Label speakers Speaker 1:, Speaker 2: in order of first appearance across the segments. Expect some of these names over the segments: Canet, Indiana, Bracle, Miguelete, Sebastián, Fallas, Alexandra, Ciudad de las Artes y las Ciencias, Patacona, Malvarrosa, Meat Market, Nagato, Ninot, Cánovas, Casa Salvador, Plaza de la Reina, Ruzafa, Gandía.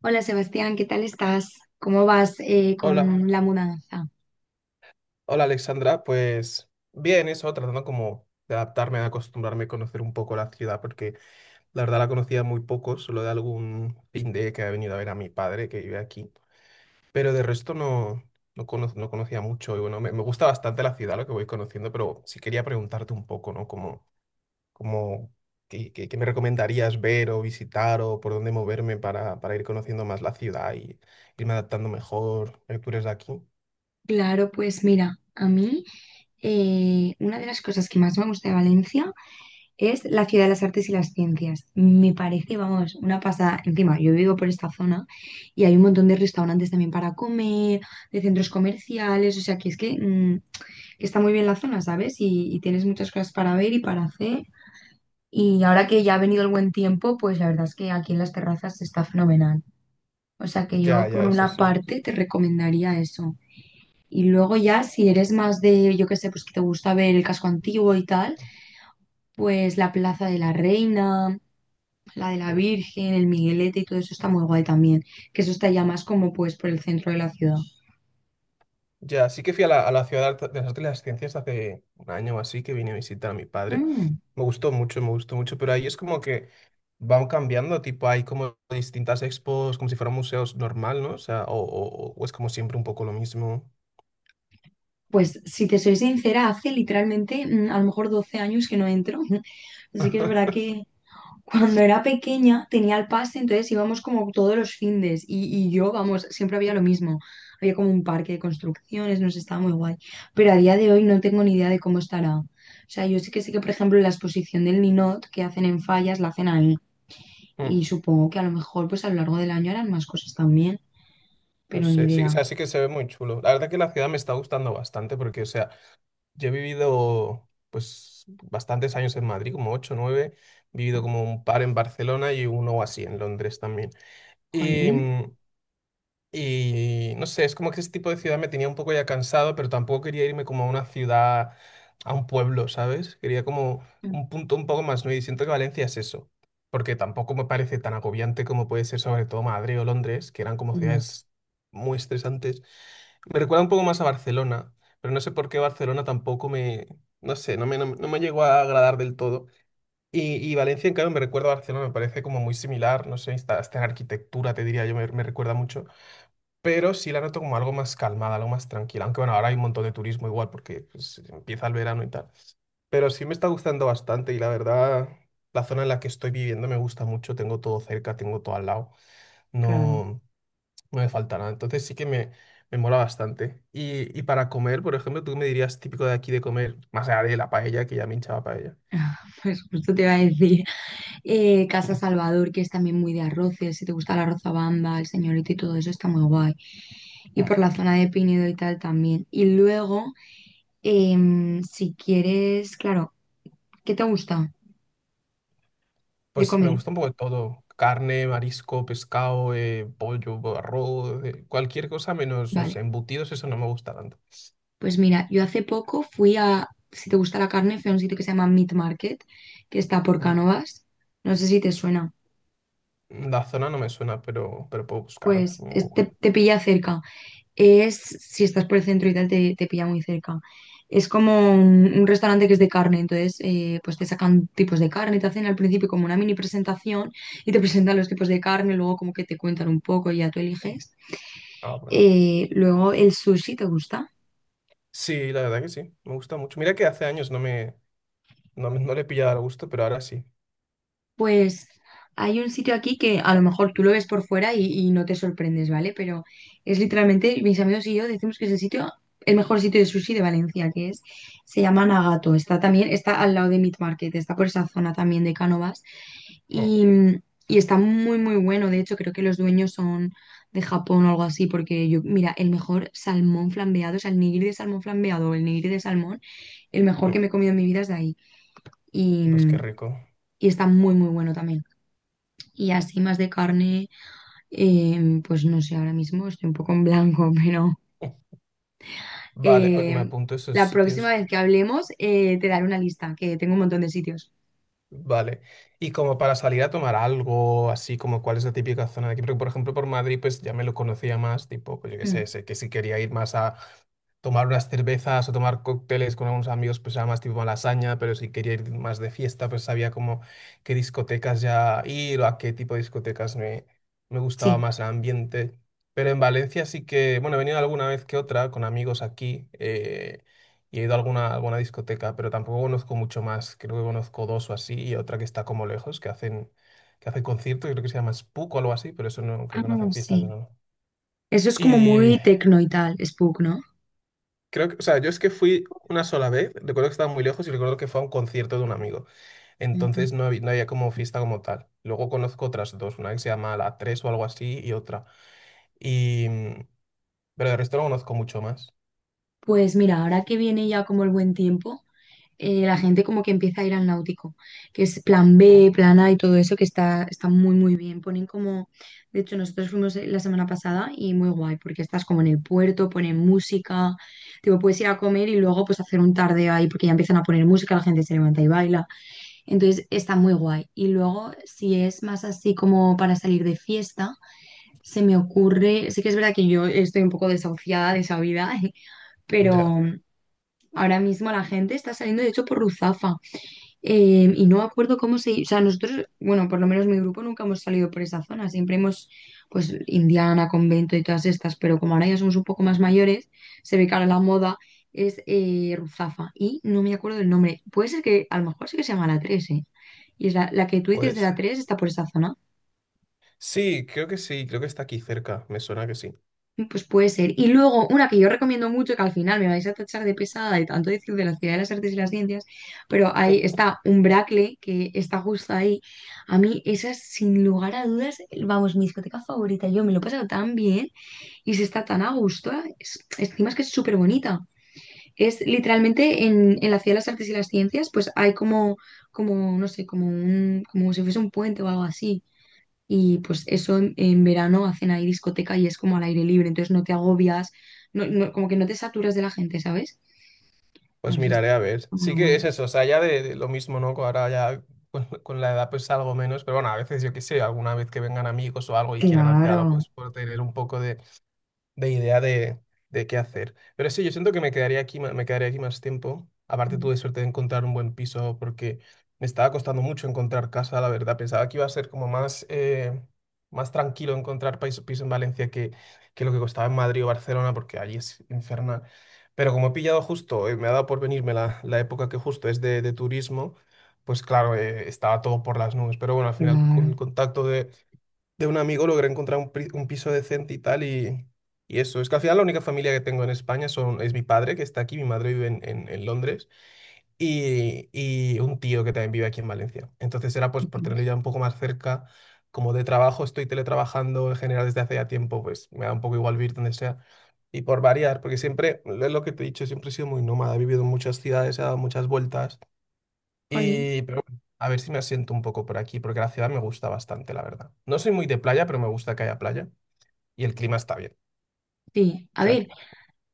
Speaker 1: Hola Sebastián, ¿qué tal estás? ¿Cómo vas
Speaker 2: Hola,
Speaker 1: con la mudanza?
Speaker 2: hola, Alexandra, pues bien, eso, tratando como de adaptarme, de acostumbrarme a conocer un poco la ciudad, porque la verdad la conocía muy poco, solo de algún de que ha venido a ver a mi padre que vive aquí, pero de resto no, no conocía mucho y bueno, me gusta bastante la ciudad, lo que voy conociendo, pero sí quería preguntarte un poco, ¿no? Como, qué me recomendarías ver o visitar o por dónde moverme para ir conociendo más la ciudad y irme adaptando mejor? Tú eres de aquí.
Speaker 1: Claro, pues mira, a mí una de las cosas que más me gusta de Valencia es la Ciudad de las Artes y las Ciencias. Me parece, vamos, una pasada. Encima, yo vivo por esta zona y hay un montón de restaurantes también para comer, de centros comerciales, o sea que es que está muy bien la zona, ¿sabes? Y tienes muchas cosas para ver y para hacer. Y ahora que ya ha venido el buen tiempo, pues la verdad es que aquí en las terrazas está fenomenal. O sea que yo
Speaker 2: Ya,
Speaker 1: por
Speaker 2: ya, eso
Speaker 1: una
Speaker 2: sí.
Speaker 1: parte te recomendaría eso. Y luego ya si eres más de, yo qué sé, pues que te gusta ver el casco antiguo y tal, pues la Plaza de la Reina, la de la Virgen, el Miguelete y todo eso está muy guay también. Que eso está ya más como pues por el centro de la ciudad.
Speaker 2: Ya, sí que fui a a la ciudad de las Artes y las Ciencias hace un año o así que vine a visitar a mi padre.
Speaker 1: Mm.
Speaker 2: Me gustó mucho, pero ahí es como que van cambiando, tipo hay como distintas expos, como si fueran museos normal, ¿no? O sea, o es como siempre un poco lo mismo.
Speaker 1: Pues si te soy sincera, hace literalmente a lo mejor 12 años que no entro. Así que es verdad que cuando era pequeña tenía el pase, entonces íbamos como todos los findes y yo, vamos, siempre había lo mismo. Había como un parque de construcciones, nos estaba muy guay. Pero a día de hoy no tengo ni idea de cómo estará. O sea, yo sí que sé que, por ejemplo, la exposición del Ninot que hacen en Fallas la hacen ahí.
Speaker 2: Mm,
Speaker 1: Y supongo que a lo mejor pues a lo largo del año harán más cosas también,
Speaker 2: no
Speaker 1: pero ni
Speaker 2: sé, sí, o
Speaker 1: idea.
Speaker 2: sea, sí que se ve muy chulo. La verdad que la ciudad me está gustando bastante porque, o sea, yo he vivido pues bastantes años en Madrid, como 8 nueve, he vivido como un par en Barcelona y uno o así en Londres también.
Speaker 1: Jolín.
Speaker 2: Y no sé, es como que ese tipo de ciudad me tenía un poco ya cansado, pero tampoco quería irme como a una ciudad, a un pueblo, ¿sabes? Quería como un punto un poco más nuevo y siento que Valencia es eso, porque tampoco me parece tan agobiante como puede ser sobre todo Madrid o Londres, que eran como
Speaker 1: Mm,
Speaker 2: ciudades muy estresantes. Me recuerda un poco más a Barcelona, pero no sé por qué Barcelona tampoco me, no sé, no me llegó a agradar del todo. Y Valencia, en cambio, me recuerda a Barcelona, me parece como muy similar, no sé, hasta en arquitectura, te diría yo, me recuerda mucho, pero sí la noto como algo más calmada, algo más tranquila. Aunque bueno, ahora hay un montón de turismo igual porque pues, empieza el verano y tal. Pero sí me está gustando bastante y la verdad, la zona en la que estoy viviendo me gusta mucho. Tengo todo cerca, tengo todo al lado.
Speaker 1: claro.
Speaker 2: No, no me falta nada. Entonces sí que me mola bastante. Y para comer, por ejemplo, ¿tú qué me dirías típico de aquí de comer? Más allá de la paella, que ya me hinchaba paella.
Speaker 1: Pues justo te iba a decir. Casa Salvador, que es también muy de arroces, si te gusta la rozabamba, el señorito y todo eso, está muy guay. Y por la zona de Pinedo y tal también. Y luego, si quieres, claro, ¿qué te gusta de
Speaker 2: Pues me
Speaker 1: comer?
Speaker 2: gusta un poco de todo. Carne, marisco, pescado, pollo, arroz, cualquier cosa menos, no
Speaker 1: Vale,
Speaker 2: sé, embutidos, eso no me gusta tanto.
Speaker 1: pues mira, yo hace poco fui a, si te gusta la carne, fui a un sitio que se llama Meat Market, que está por
Speaker 2: Mm.
Speaker 1: Cánovas. No sé si te suena.
Speaker 2: La zona no me suena, pero puedo buscar en
Speaker 1: Te,
Speaker 2: Google.
Speaker 1: te pilla cerca. Es, si estás por el centro y tal, te pilla muy cerca. Es como un restaurante que es de carne, entonces pues te sacan tipos de carne, te hacen al principio como una mini presentación y te presentan los tipos de carne, luego como que te cuentan un poco y ya tú eliges.
Speaker 2: Ah, bueno.
Speaker 1: Luego el sushi, ¿te gusta?
Speaker 2: Sí, la verdad que sí, me gusta mucho. Mira que hace años no le he pillado al gusto, pero ahora sí.
Speaker 1: Pues hay un sitio aquí que a lo mejor tú lo ves por fuera y no te sorprendes, ¿vale? Pero es literalmente, mis amigos y yo decimos que es el sitio, el mejor sitio de sushi de Valencia, que es, se llama Nagato. Está también, está al lado de Meat Market, está por esa zona también de Cánovas.
Speaker 2: Mm,
Speaker 1: Y, y está muy, muy bueno. De hecho, creo que los dueños son de Japón o algo así, porque yo, mira, el mejor salmón flambeado, o sea, el nigiri de salmón flambeado o el nigiri de salmón, el mejor
Speaker 2: mm,
Speaker 1: que me he comido en mi vida es de ahí. Y,
Speaker 2: Pues qué rico.
Speaker 1: y está muy, muy bueno también. Y así más de carne, pues no sé, ahora mismo estoy un poco en blanco, pero
Speaker 2: Mm. Vale, pues me
Speaker 1: em,
Speaker 2: apunto esos
Speaker 1: la próxima
Speaker 2: sitios.
Speaker 1: vez que hablemos te daré una lista, que tengo un montón de sitios.
Speaker 2: Vale. Y como para salir a tomar algo, así como cuál es la típica zona de aquí, porque por ejemplo por Madrid pues ya me lo conocía más, tipo, pues yo qué
Speaker 1: Mm,
Speaker 2: sé, sé que si quería ir más a, tomar unas cervezas o tomar cócteles con algunos amigos, pues era más tipo lasaña, pero si quería ir más de fiesta, pues sabía como qué discotecas ya ir o a qué tipo de discotecas me gustaba
Speaker 1: sí.
Speaker 2: más el ambiente. Pero en Valencia sí que, bueno, he venido alguna vez que otra con amigos aquí y he ido a alguna discoteca, pero tampoco conozco mucho más. Creo que conozco dos o así y otra que está como lejos, que hacen conciertos, creo que se llama Spook o algo así, pero eso no, creo
Speaker 1: Ah,
Speaker 2: que no hacen fiestas de
Speaker 1: sí.
Speaker 2: no.
Speaker 1: Eso es como
Speaker 2: Y
Speaker 1: muy tecno y tal, Spook, ¿no?
Speaker 2: creo que, o sea, yo es que fui una sola vez, recuerdo que estaba muy lejos y recuerdo que fue a un concierto de un amigo.
Speaker 1: Mm.
Speaker 2: Entonces no había como fiesta como tal. Luego conozco otras dos, una que se llama La 3 o algo así y otra. Y, mm, pero el resto no conozco mucho más.
Speaker 1: Pues mira, ahora que viene ya como el buen tiempo, la gente como que empieza a ir al náutico, que es plan B,
Speaker 2: Ujú,
Speaker 1: plan A y todo eso, que está, está muy, muy bien. Ponen como, de hecho, nosotros fuimos la semana pasada y muy guay, porque estás como en el puerto, ponen música, tipo, puedes ir a comer y luego pues hacer un tarde ahí, porque ya empiezan a poner música, la gente se levanta y baila. Entonces, está muy guay. Y luego, si es más así como para salir de fiesta, se me ocurre, sí que es verdad que yo estoy un poco desahuciada de esa vida,
Speaker 2: ya,
Speaker 1: pero... Ahora mismo la gente está saliendo, de hecho, por Ruzafa. Y no me acuerdo cómo se... O sea, nosotros, bueno, por lo menos mi grupo nunca hemos salido por esa zona. Siempre hemos, pues, Indiana, convento y todas estas, pero como ahora ya somos un poco más mayores, se ve que ahora la moda es Ruzafa. Y no me acuerdo del nombre. Puede ser que, a lo mejor sí que se llama la tres, ¿eh? Y es la, la que tú dices de
Speaker 2: pues
Speaker 1: la 3 está por esa zona.
Speaker 2: sí, creo que está aquí cerca, me suena que sí.
Speaker 1: Pues puede ser. Y luego, una que yo recomiendo mucho, que al final me vais a tachar de pesada de tanto decir de la Ciudad de las Artes y las Ciencias, pero ahí está un Bracle que está justo ahí. A mí, esa es sin lugar a dudas, vamos, mi discoteca favorita. Yo me lo he pasado tan bien y se está tan a gusto. Encima es que es súper bonita. Es literalmente en la Ciudad de las Artes y las Ciencias, pues hay como, como, no sé, como un, como si fuese un puente o algo así. Y pues eso en verano hacen ahí discoteca y es como al aire libre, entonces no te agobias, como que no te saturas de la gente, ¿sabes?
Speaker 2: Pues
Speaker 1: No sé, está
Speaker 2: miraré a ver.
Speaker 1: muy
Speaker 2: Sí que es
Speaker 1: guay.
Speaker 2: eso, o sea, ya de lo mismo, ¿no? Que ahora ya con la edad pues algo menos, pero bueno, a veces yo qué sé, alguna vez que vengan amigos o algo y quieran hacer algo,
Speaker 1: Claro,
Speaker 2: pues por tener un poco de idea de qué hacer. Pero sí, yo siento que me quedaría aquí, me quedaría aquí más tiempo. Aparte tuve suerte de encontrar un buen piso porque me estaba costando mucho encontrar casa, la verdad. Pensaba que iba a ser como más, más tranquilo encontrar piso, en Valencia que lo que costaba en Madrid o Barcelona, porque allí es infernal. Pero como he pillado justo, me ha dado por venirme la época que justo es de turismo, pues claro, estaba todo por las nubes. Pero bueno, al final con
Speaker 1: claro.
Speaker 2: el contacto de un amigo logré encontrar un piso decente y tal, y eso. Es que al final la única familia que tengo en España es mi padre, que está aquí, mi madre vive en, en Londres, y un tío que también vive aquí en Valencia. Entonces era pues por tenerlo ya un poco más cerca, como de trabajo estoy teletrabajando en general desde hace ya tiempo, pues me da un poco igual vivir donde sea. Y por variar, porque siempre, es lo que te he dicho, siempre he sido muy nómada, he vivido en muchas ciudades, he dado muchas vueltas.
Speaker 1: Jolín.
Speaker 2: Pero bueno, a ver si me asiento un poco por aquí, porque la ciudad me gusta bastante, la verdad. No soy muy de playa, pero me gusta que haya playa y el clima está bien.
Speaker 1: Sí,
Speaker 2: O
Speaker 1: a
Speaker 2: sea que.
Speaker 1: ver,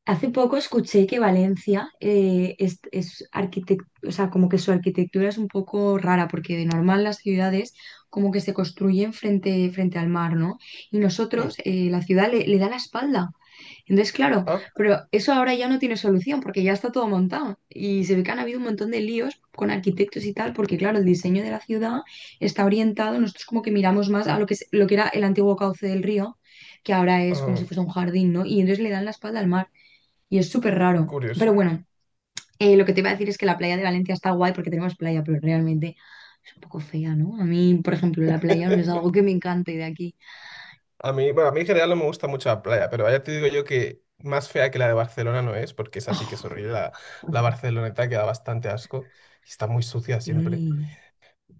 Speaker 1: hace poco escuché que Valencia es, o sea, como que su arquitectura es un poco rara, porque de normal las ciudades como que se construyen frente al mar, ¿no? Y nosotros,
Speaker 2: Mm.
Speaker 1: la ciudad le da la espalda. Entonces, claro,
Speaker 2: Ah,
Speaker 1: pero eso ahora ya no tiene solución porque ya está todo montado y se ve que han habido un montón de líos con arquitectos y tal porque, claro, el diseño de la ciudad está orientado, nosotros como que miramos más a lo que, lo que era el antiguo cauce del río, que ahora es como si
Speaker 2: ah,
Speaker 1: fuese un jardín, ¿no? Y entonces le dan la espalda al mar y es súper raro. Pero
Speaker 2: curioso.
Speaker 1: bueno, lo que te iba a decir es que la playa de Valencia está guay porque tenemos playa, pero realmente es un poco fea, ¿no? A mí, por ejemplo, la playa no es algo que me encante de aquí.
Speaker 2: A mí, bueno, a mí en general no me gusta mucho la playa, pero ya te digo yo que más fea que la de Barcelona no es, porque esa sí que es horrible. La barceloneta queda bastante asco y está muy sucia siempre.
Speaker 1: Sí.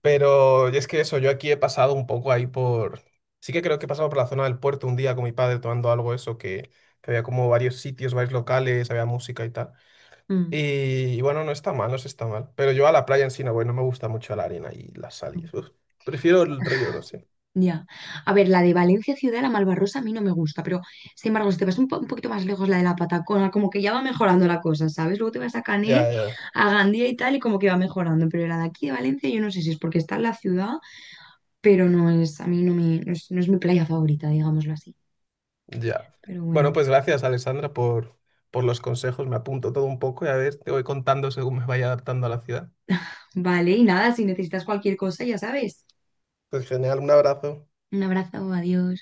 Speaker 2: Pero y es que eso, yo aquí he pasado un poco ahí por... Sí que creo que he pasado por la zona del puerto un día con mi padre tomando algo eso, que había como varios sitios, varios locales, había música y tal.
Speaker 1: Mm.
Speaker 2: Y bueno, no está mal, no se está mal. Pero yo a la playa en sí no voy, no me gusta mucho la arena y las salidas. Uf, prefiero el río, no sé.
Speaker 1: Ya. A ver, la de Valencia Ciudad, la Malvarrosa, a mí no me gusta, pero sin embargo, si te vas un poquito más lejos, la de la Patacona, como que ya va mejorando la cosa, ¿sabes? Luego te vas a Canet,
Speaker 2: Ya, ya,
Speaker 1: a Gandía y tal, y como que va mejorando, pero la de aquí de Valencia, yo no sé si es porque está en la ciudad, pero no es, a mí no es, no es mi playa favorita, digámoslo así.
Speaker 2: ya.
Speaker 1: Pero
Speaker 2: Bueno,
Speaker 1: bueno,
Speaker 2: pues gracias, Alessandra, por los consejos. Me apunto todo un poco y a ver, te voy contando según me vaya adaptando a la ciudad.
Speaker 1: vale, y nada, si necesitas cualquier cosa, ya sabes.
Speaker 2: Pues genial, un abrazo.
Speaker 1: Un abrazo, adiós.